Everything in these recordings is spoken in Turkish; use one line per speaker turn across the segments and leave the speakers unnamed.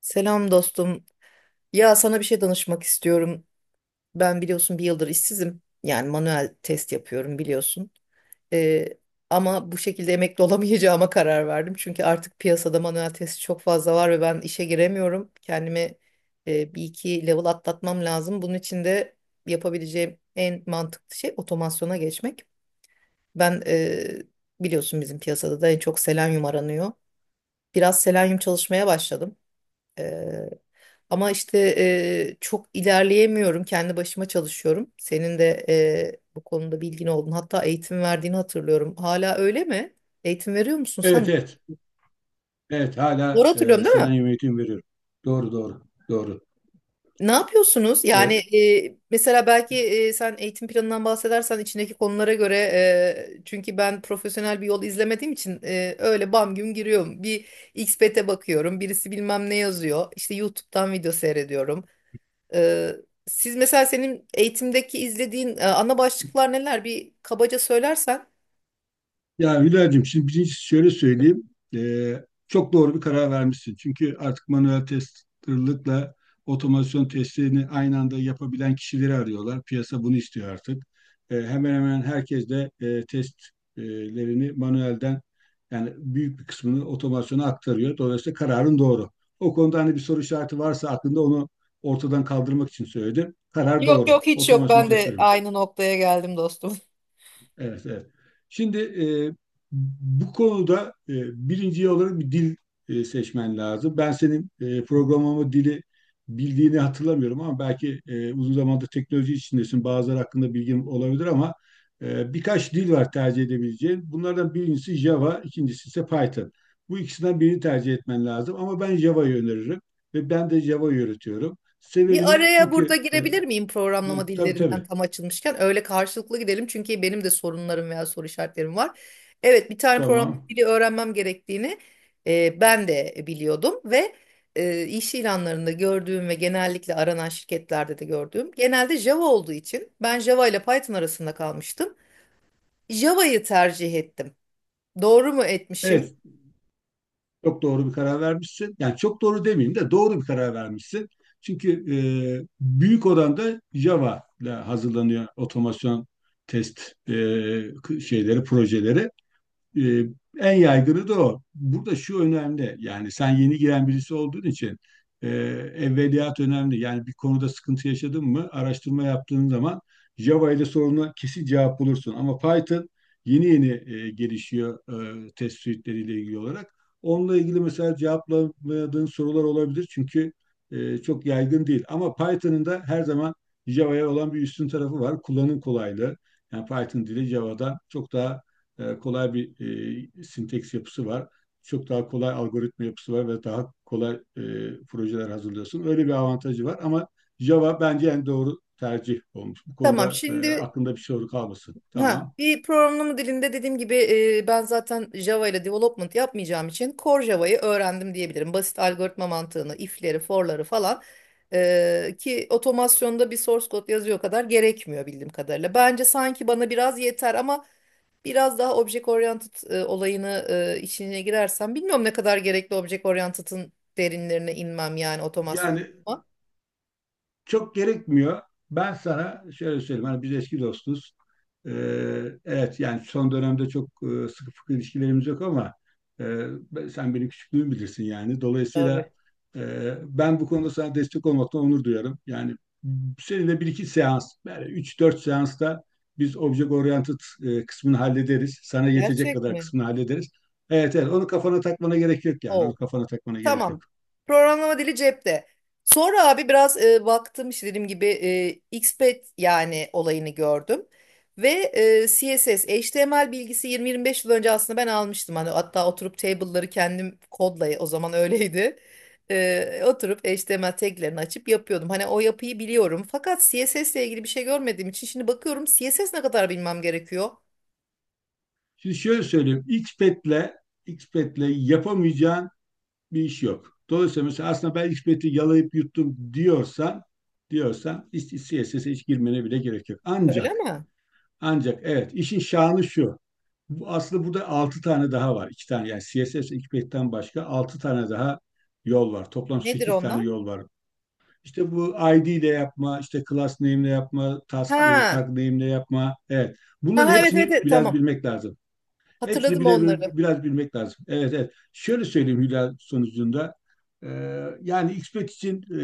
Selam dostum. Ya sana bir şey danışmak istiyorum. Ben biliyorsun bir yıldır işsizim. Yani manuel test yapıyorum biliyorsun. Ee, ama bu şekilde emekli olamayacağıma karar verdim. Çünkü artık piyasada manuel test çok fazla var ve ben işe giremiyorum. Kendimi bir iki level atlatmam lazım. Bunun için de yapabileceğim en mantıklı şey otomasyona geçmek. Ben biliyorsun bizim piyasada da en çok selenyum aranıyor. Biraz selenyum çalışmaya başladım. Ama işte çok ilerleyemiyorum. Kendi başıma çalışıyorum. Senin de bu konuda bilgin oldun. Hatta eğitim verdiğini hatırlıyorum. Hala öyle mi? Eğitim veriyor musun sen?
Evet evet. Evet hala
Doğru hatırlıyorum değil mi?
selenyum eğitim veriyorum. Doğru doğru. Doğru.
Ne yapıyorsunuz? Yani
E,
mesela belki sen eğitim planından bahsedersen içindeki konulara göre çünkü ben profesyonel bir yol izlemediğim için öyle bam güm giriyorum. Bir XPT'e bakıyorum. Birisi bilmem ne yazıyor. İşte YouTube'dan video seyrediyorum. Ee, siz mesela senin eğitimdeki izlediğin ana başlıklar neler? Bir kabaca söylersen.
Ya Hülya'cığım şimdi birincisi şöyle söyleyeyim. Çok doğru bir karar vermişsin. Çünkü artık manuel testerlıkla otomasyon testlerini aynı anda yapabilen kişileri arıyorlar. Piyasa bunu istiyor artık. Hemen hemen herkes de testlerini manuelden yani büyük bir kısmını otomasyona aktarıyor. Dolayısıyla kararın doğru. O konuda hani bir soru işareti varsa aklında onu ortadan kaldırmak için söyledim. Karar
Yok
doğru.
yok hiç yok.
Otomasyon
Ben
test
de
verilmez.
aynı noktaya geldim dostum.
Evet, evet. Şimdi bu konuda birinci olarak bir dil seçmen lazım. Ben senin programlama dili bildiğini hatırlamıyorum ama belki uzun zamandır teknoloji içindesin. Bazıları hakkında bilgim olabilir ama birkaç dil var tercih edebileceğin. Bunlardan birincisi Java, ikincisi ise Python. Bu ikisinden birini tercih etmen lazım ama ben Java'yı öneririm ve ben de Java'yı öğretiyorum.
Bir
Sebebini
araya burada
çünkü
girebilir miyim programlama
tabii
dillerinden
tabii
tam açılmışken? Öyle karşılıklı gidelim çünkü benim de sorunlarım veya soru işaretlerim var. Evet bir tane programlama
tamam.
dili öğrenmem gerektiğini ben de biliyordum ve iş ilanlarında gördüğüm ve genellikle aranan şirketlerde de gördüğüm genelde Java olduğu için ben Java ile Python arasında kalmıştım. Java'yı tercih ettim. Doğru mu etmişim?
Evet, çok doğru bir karar vermişsin. Yani çok doğru demeyeyim de doğru bir karar vermişsin. Çünkü büyük oranda Java ile hazırlanıyor otomasyon test e, şeyleri, projeleri. Ee, en yaygını da o. Burada şu önemli. Yani sen yeni giren birisi olduğun için e, evveliyat önemli. Yani bir konuda sıkıntı yaşadın mı araştırma yaptığın zaman Java ile soruna kesin cevap bulursun. Ama Python yeni yeni gelişiyor test suite'leriyle ilgili olarak. Onunla ilgili mesela cevaplamadığın sorular olabilir. Çünkü çok yaygın değil. Ama Python'ın da her zaman Java'ya olan bir üstün tarafı var. Kullanım kolaylığı. Yani Python dili Java'dan çok daha kolay bir sinteks yapısı var. Çok daha kolay algoritma yapısı var ve daha kolay projeler hazırlıyorsun. Öyle bir avantajı var ama Java bence en doğru tercih olmuş. Bu
Tamam
konuda
şimdi
aklında bir soru kalmasın.
ha,
Tamam.
bir programlama dilinde dediğim gibi ben zaten Java ile development yapmayacağım için Core Java'yı öğrendim diyebilirim. Basit algoritma mantığını, if'leri, for'ları falan ki otomasyonda bir source code yazıyor kadar gerekmiyor bildiğim kadarıyla. Bence sanki bana biraz yeter ama biraz daha object oriented olayını içine girersem bilmiyorum ne kadar gerekli object oriented'ın derinlerine inmem yani otomasyon
Yani
ama
çok gerekmiyor. Ben sana şöyle söyleyeyim. Hani biz eski dostuz. Ee, evet yani son dönemde çok sıkı fıkı ilişkilerimiz yok ama e, sen benim küçüklüğümü bilirsin yani. Dolayısıyla
tabii.
ben bu konuda sana destek olmaktan onur duyarım. Yani seninle bir iki seans, yani üç dört seansta biz object oriented kısmını hallederiz. Sana yetecek
Gerçek
kadar
mi?
kısmını hallederiz. Evet evet onu kafana takmana gerek yok yani. Onu
Oo.
kafana takmana gerek yok.
Tamam. Programlama dili cepte. Sonra abi biraz baktım işte dediğim gibi XPath yani olayını gördüm. Ve CSS, HTML bilgisi 20-25 yıl önce aslında ben almıştım. Hani hatta oturup table'ları kendim kodla o zaman öyleydi. Oturup HTML taglerini açıp yapıyordum. Hani o yapıyı biliyorum. Fakat CSS ile ilgili bir şey görmediğim için şimdi bakıyorum CSS ne kadar bilmem gerekiyor.
Şimdi şöyle söyleyeyim. Xpet'le yapamayacağın bir iş yok. Dolayısıyla mesela aslında ben Xpet'i yalayıp yuttum diyorsan, C S CSS'e hiç girmene bile gerek yok.
Öyle
Ancak
mi?
ancak evet işin şanı şu. Bu, aslında burada 6 tane daha var. İki tane yani C S CSS Xpet'ten başka 6 tane daha yol var. Toplam
Nedir
8 tane
onlar?
yol var. İşte bu I D ile yapma, işte class name ile yapma, task,
Ha.
tag name ile yapma. Evet.
Ha
Bunların
ha, evet evet,
hepsini
evet
biraz
tamam.
bilmek lazım. Hepsini
Hatırladım
bile
onları.
biraz bilmek lazım. Evet, evet. Şöyle söyleyeyim Hülya sonucunda. Ee, yani XPET için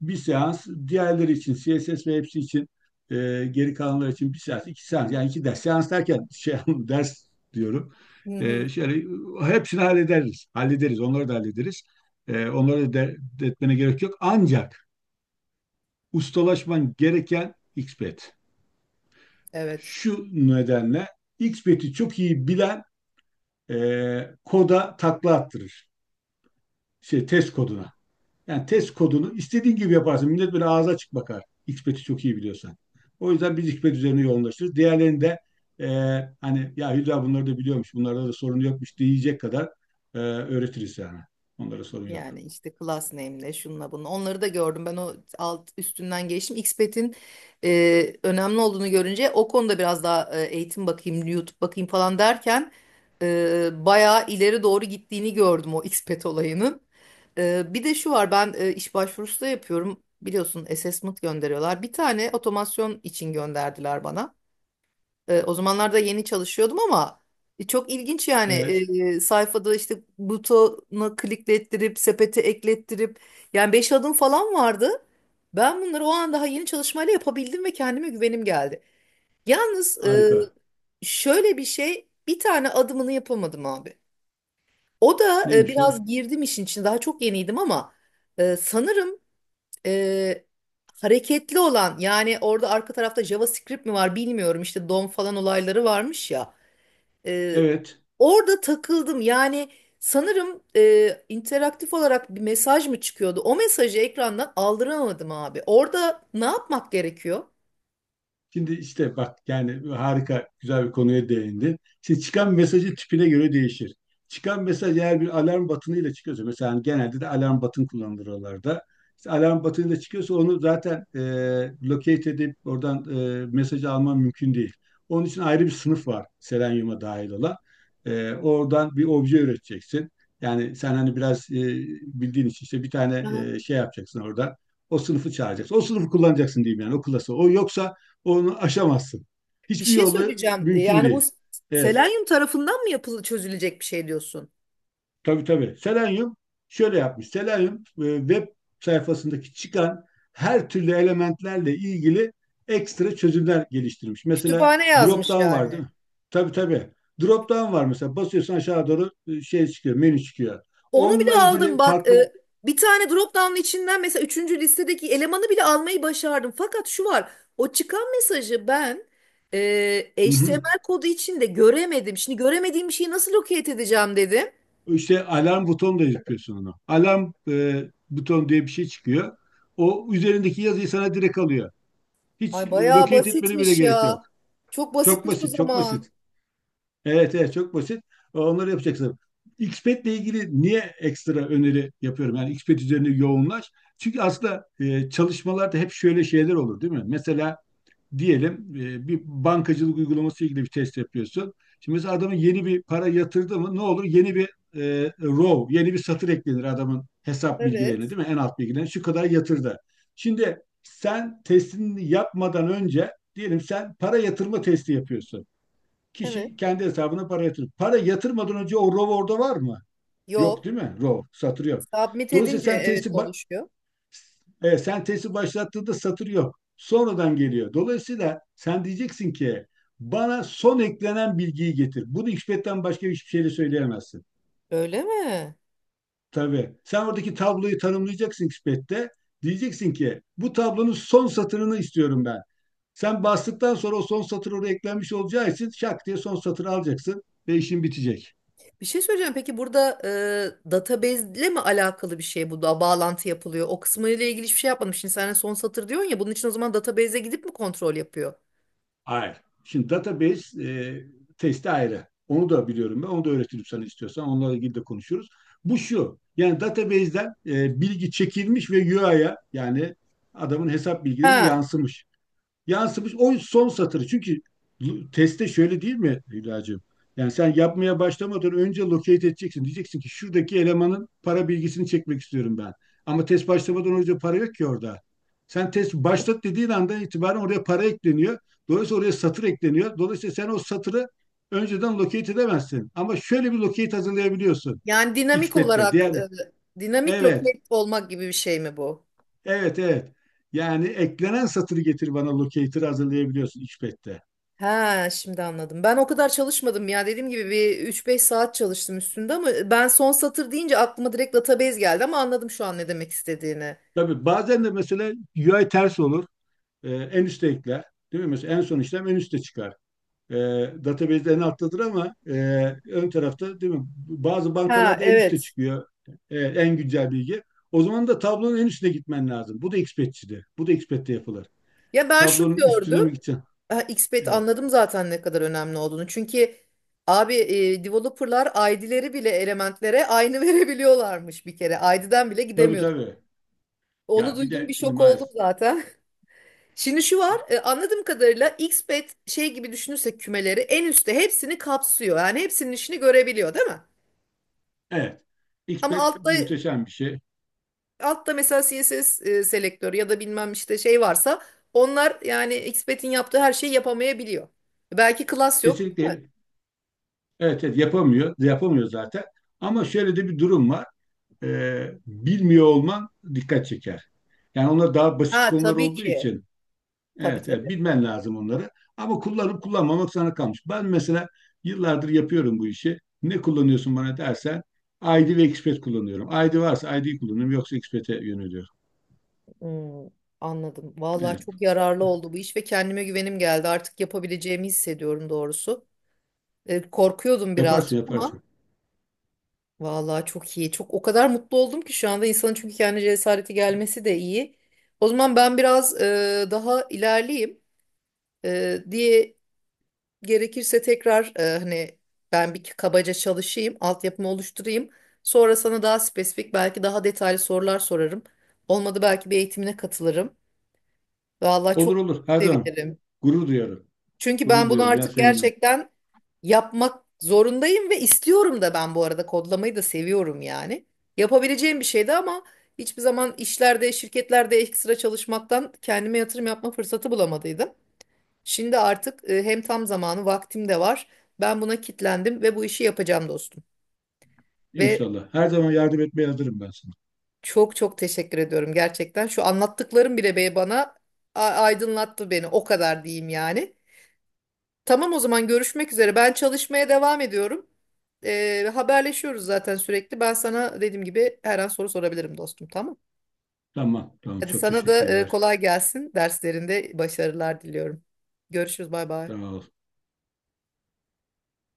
bir seans, diğerleri için CSS ve hepsi için e, geri kalanlar için bir seans, iki seans. Yani iki ders. Seans derken şey ders diyorum.
Hı
Ee,
hı.
şöyle hepsini hallederiz. Hallederiz. Onları da hallederiz. Onları da etmene gerek yok. Ancak ustalaşman gereken XPET.
Evet
Şu nedenle XPET'i çok iyi bilen koda takla attırır. Şey, test koduna. Yani test kodunu istediğin gibi yaparsın. Millet böyle ağza açık bakar. XPET'i çok iyi biliyorsan. O yüzden biz XPET üzerine yoğunlaşırız. Diğerlerini de e, hani ya Hülya bunları da biliyormuş, bunlarda da sorun yokmuş diyecek kadar öğretiriz yani. Onlara sorun yok.
yani işte class name'le şunla bunu onları da gördüm ben o alt üstünden geçtim Xpet'in önemli olduğunu görünce o konuda biraz daha eğitim bakayım YouTube bakayım falan derken bayağı ileri doğru gittiğini gördüm o Xpet olayının. Bir de şu var ben iş başvurusu da yapıyorum biliyorsun assessment gönderiyorlar bir tane otomasyon için gönderdiler bana. O zamanlarda yeni çalışıyordum ama çok ilginç yani.
Evet,
Sayfada işte butona kliklettirip sepete eklettirip yani 5 adım falan vardı. Ben bunları o an daha yeni çalışmayla yapabildim ve kendime güvenim geldi. Yalnız
harika.
şöyle bir şey bir tane adımını yapamadım abi. O da
Neymiş o?
biraz girdim işin içine daha çok yeniydim ama sanırım e, hareketli olan yani orada arka tarafta JavaScript mi var bilmiyorum işte DOM falan olayları varmış ya. Ee,
Evet.
orada takıldım. Yani sanırım interaktif olarak bir mesaj mı çıkıyordu? O mesajı ekrandan aldıramadım abi. Orada ne yapmak gerekiyor?
Şimdi işte bak yani harika güzel bir konuya değindin. Şimdi çıkan mesajı tipine göre değişir. Çıkan mesaj eğer bir alarm batınıyla çıkıyorsa mesela hani genelde de alarm batın kullanılır oralarda. İşte alarm batınıyla çıkıyorsa onu zaten locate edip oradan mesajı alman mümkün değil. Onun için ayrı bir sınıf var Selenium'a dahil olan. Oradan bir obje üreteceksin. Yani sen hani biraz bildiğin için işte bir tane
Aha.
şey yapacaksın orada. O sınıfı çağıracaksın. O sınıfı kullanacaksın diyeyim yani o klası. O yoksa onu aşamazsın.
Bir
Hiçbir
şey
yolla
söyleyeceğim.
mümkün
Yani bu
değil. Evet.
selenyum tarafından mı yapılı çözülecek bir şey diyorsun?
Tabii tabii. Selenium şöyle yapmış. Selenium web sayfasındaki çıkan her türlü elementlerle ilgili ekstra çözümler geliştirmiş. Mesela
Kütüphane
drop
yazmış
down var değil
yani.
mi? Tabii tabii. Drop down var mesela. Basıyorsun aşağı doğru şey çıkıyor, menü çıkıyor.
Onu
Onunla
bile aldım
ilgili
bak.
farklı.
Bir tane drop down içinden mesela üçüncü listedeki elemanı bile almayı başardım. Fakat şu var. O çıkan mesajı ben
Hı hı.
HTML kodu içinde göremedim. Şimdi göremediğim bir şeyi nasıl locate edeceğim dedim.
İşte alarm butonu da yapıyorsun onu. Alarm butonu diye bir şey çıkıyor. O üzerindeki yazıyı sana direkt alıyor. Hiç
Ay bayağı
locate etmene bile
basitmiş
gerek yok.
ya. Çok
Çok
basitmiş o
basit, çok basit.
zaman.
Evet, evet çok basit. Onları yapacaksın. Xped ile ilgili niye ekstra öneri yapıyorum? Yani Xped üzerine yoğunlaş. Çünkü aslında çalışmalarda hep şöyle şeyler olur, değil mi? Mesela diyelim bir bankacılık uygulaması ilgili bir test yapıyorsun. Şimdi mesela adamın yeni bir para yatırdı mı ne olur? Yeni bir row, yeni bir satır eklenir adamın hesap bilgilerine
Evet.
değil mi? En alt bilgilerine şu kadar yatırdı. Şimdi sen testini yapmadan önce diyelim sen para yatırma testi yapıyorsun.
Evet.
Kişi kendi hesabına para yatırır. Para yatırmadan önce o row orada var mı? Yok
Yok.
değil mi? Row, satır yok.
Submit
Dolayısıyla
edince
sen
evet
testi
oluşuyor.
sentezi başlattığında satır yok. Sonradan geliyor. Dolayısıyla sen diyeceksin ki bana son eklenen bilgiyi getir. Bunu XPath'ten başka hiçbir şeyle söyleyemezsin.
Öyle mi?
Tabii. Sen oradaki tabloyu tanımlayacaksın XPath'te. Diyeceksin ki bu tablonun son satırını istiyorum ben. Sen bastıktan sonra o son satır oraya eklenmiş olacağı için şak diye son satırı alacaksın ve işin bitecek.
Bir şey söyleyeceğim. Peki burada database ile mi alakalı bir şey bu da bağlantı yapılıyor? O kısmıyla ilgili hiçbir şey yapmamış. Şimdi sen son satır diyorsun ya bunun için o zaman database'e gidip mi kontrol yapıyor?
Hayır. Şimdi database testi ayrı. Onu da biliyorum ben. Onu da öğretirim sana istiyorsan. Onlarla ilgili de konuşuruz. Bu şu. Yani database'den bilgi çekilmiş ve UI'ya yani adamın hesap bilgilerine
Ha.
yansımış o son satırı. Çünkü teste şöyle değil mi Hülya'cığım? Yani sen yapmaya başlamadan önce locate edeceksin. Diyeceksin ki şuradaki elemanın para bilgisini çekmek istiyorum ben. Ama test başlamadan önce para yok ki orada. Sen test başlat dediğin andan itibaren oraya para ekleniyor. Dolayısıyla oraya satır ekleniyor. Dolayısıyla sen o satırı önceden locate edemezsin. Ama şöyle bir locate hazırlayabiliyorsun.
Yani dinamik
XPath'le.
olarak
Diğer,
dinamik
evet,
locate olmak gibi bir şey mi bu?
evet, evet. Yani eklenen satırı getir bana locator'ı hazırlayabiliyorsun XPath'te.
Ha, şimdi anladım. Ben o kadar çalışmadım ya. Dediğim gibi bir üç beş saat çalıştım üstünde ama ben son satır deyince aklıma direkt database geldi ama anladım şu an ne demek istediğini.
Tabii bazen de mesela UI ters olur. En üste ekler. Değil mi? Mesela en son işlem en üste çıkar. Ee, database en alttadır ama ön tarafta değil mi? Bazı
Ha,
bankalarda en üstte
evet.
çıkıyor en güncel bilgi. O zaman da tablonun en üstüne gitmen lazım. Bu da Expert'çide. Bu da Expert'te yapılır.
Ya ben şunu
Tablonun üstüne
gördüm.
mi gideceksin?
Ha, XBET
Evet.
anladım zaten ne kadar önemli olduğunu. Çünkü abi developerlar ID'leri bile elementlere aynı verebiliyorlarmış bir kere. ID'den bile
Tabii
gidemiyordu.
tabii.
Onu
Ya bir
duydum
de
bir
şimdi
şok oldum
maalesef.
zaten. Şimdi şu var anladığım kadarıyla XBET şey gibi düşünürsek kümeleri en üstte hepsini kapsıyor. Yani hepsinin işini görebiliyor değil mi?
Evet.
Ama
Expert
altta
muhteşem bir şey.
altta mesela CSS selektörü ya da bilmem işte şey varsa onlar yani XBET'in yaptığı her şeyi yapamayabiliyor. Belki class yok.
Kesinlikle evet, evet yapamıyor. Yapamıyor zaten. Ama şöyle de bir durum var. Bilmiyor olman dikkat çeker. Yani onlar daha basit
Ha
konular
tabii
olduğu
ki.
için
Tabii
evet, evet
tabii.
bilmen lazım onları. Ama kullanıp kullanmamak sana kalmış. Ben mesela yıllardır yapıyorum bu işi. Ne kullanıyorsun bana dersen ID ve Expat kullanıyorum. ID varsa ID'yi kullanıyorum yoksa Expat'e yöneliyorum.
Hmm, anladım. Vallahi
Evet.
çok yararlı oldu bu iş ve kendime güvenim geldi. Artık yapabileceğimi hissediyorum doğrusu. Korkuyordum
Yaparsın
birazcık ama
yaparsın.
vallahi çok iyi. Çok o kadar mutlu oldum ki şu anda insanın çünkü kendi cesareti gelmesi de iyi. O zaman ben biraz daha ilerleyeyim diye gerekirse tekrar hani ben bir kabaca çalışayım, altyapımı oluşturayım. Sonra sana daha spesifik belki daha detaylı sorular sorarım. Olmadı belki bir eğitimine katılırım. Vallahi
Olur
çok
olur her zaman.
sevinirim.
Gurur duyarım.
Çünkü
Gurur
ben bunu
duyarım ya
artık
seninle.
gerçekten yapmak zorundayım ve istiyorum da ben bu arada kodlamayı da seviyorum yani. Yapabileceğim bir şeydi ama hiçbir zaman işlerde, şirketlerde ekstra çalışmaktan kendime yatırım yapma fırsatı bulamadıydım. Şimdi artık hem tam zamanı, vaktim de var. Ben buna kitlendim ve bu işi yapacağım dostum. Ve
İnşallah. Her zaman yardım etmeye hazırım ben sana.
çok çok teşekkür ediyorum gerçekten. Şu anlattıklarım bile bana aydınlattı beni. O kadar diyeyim yani. Tamam o zaman görüşmek üzere. Ben çalışmaya devam ediyorum. Haberleşiyoruz zaten sürekli. Ben sana dediğim gibi her an soru sorabilirim dostum, tamam?
Tamam tamam
Hadi
çok
sana da
teşekkürler.
kolay gelsin. Derslerinde başarılar diliyorum. Görüşürüz, bay
Sağ
bay.
ol.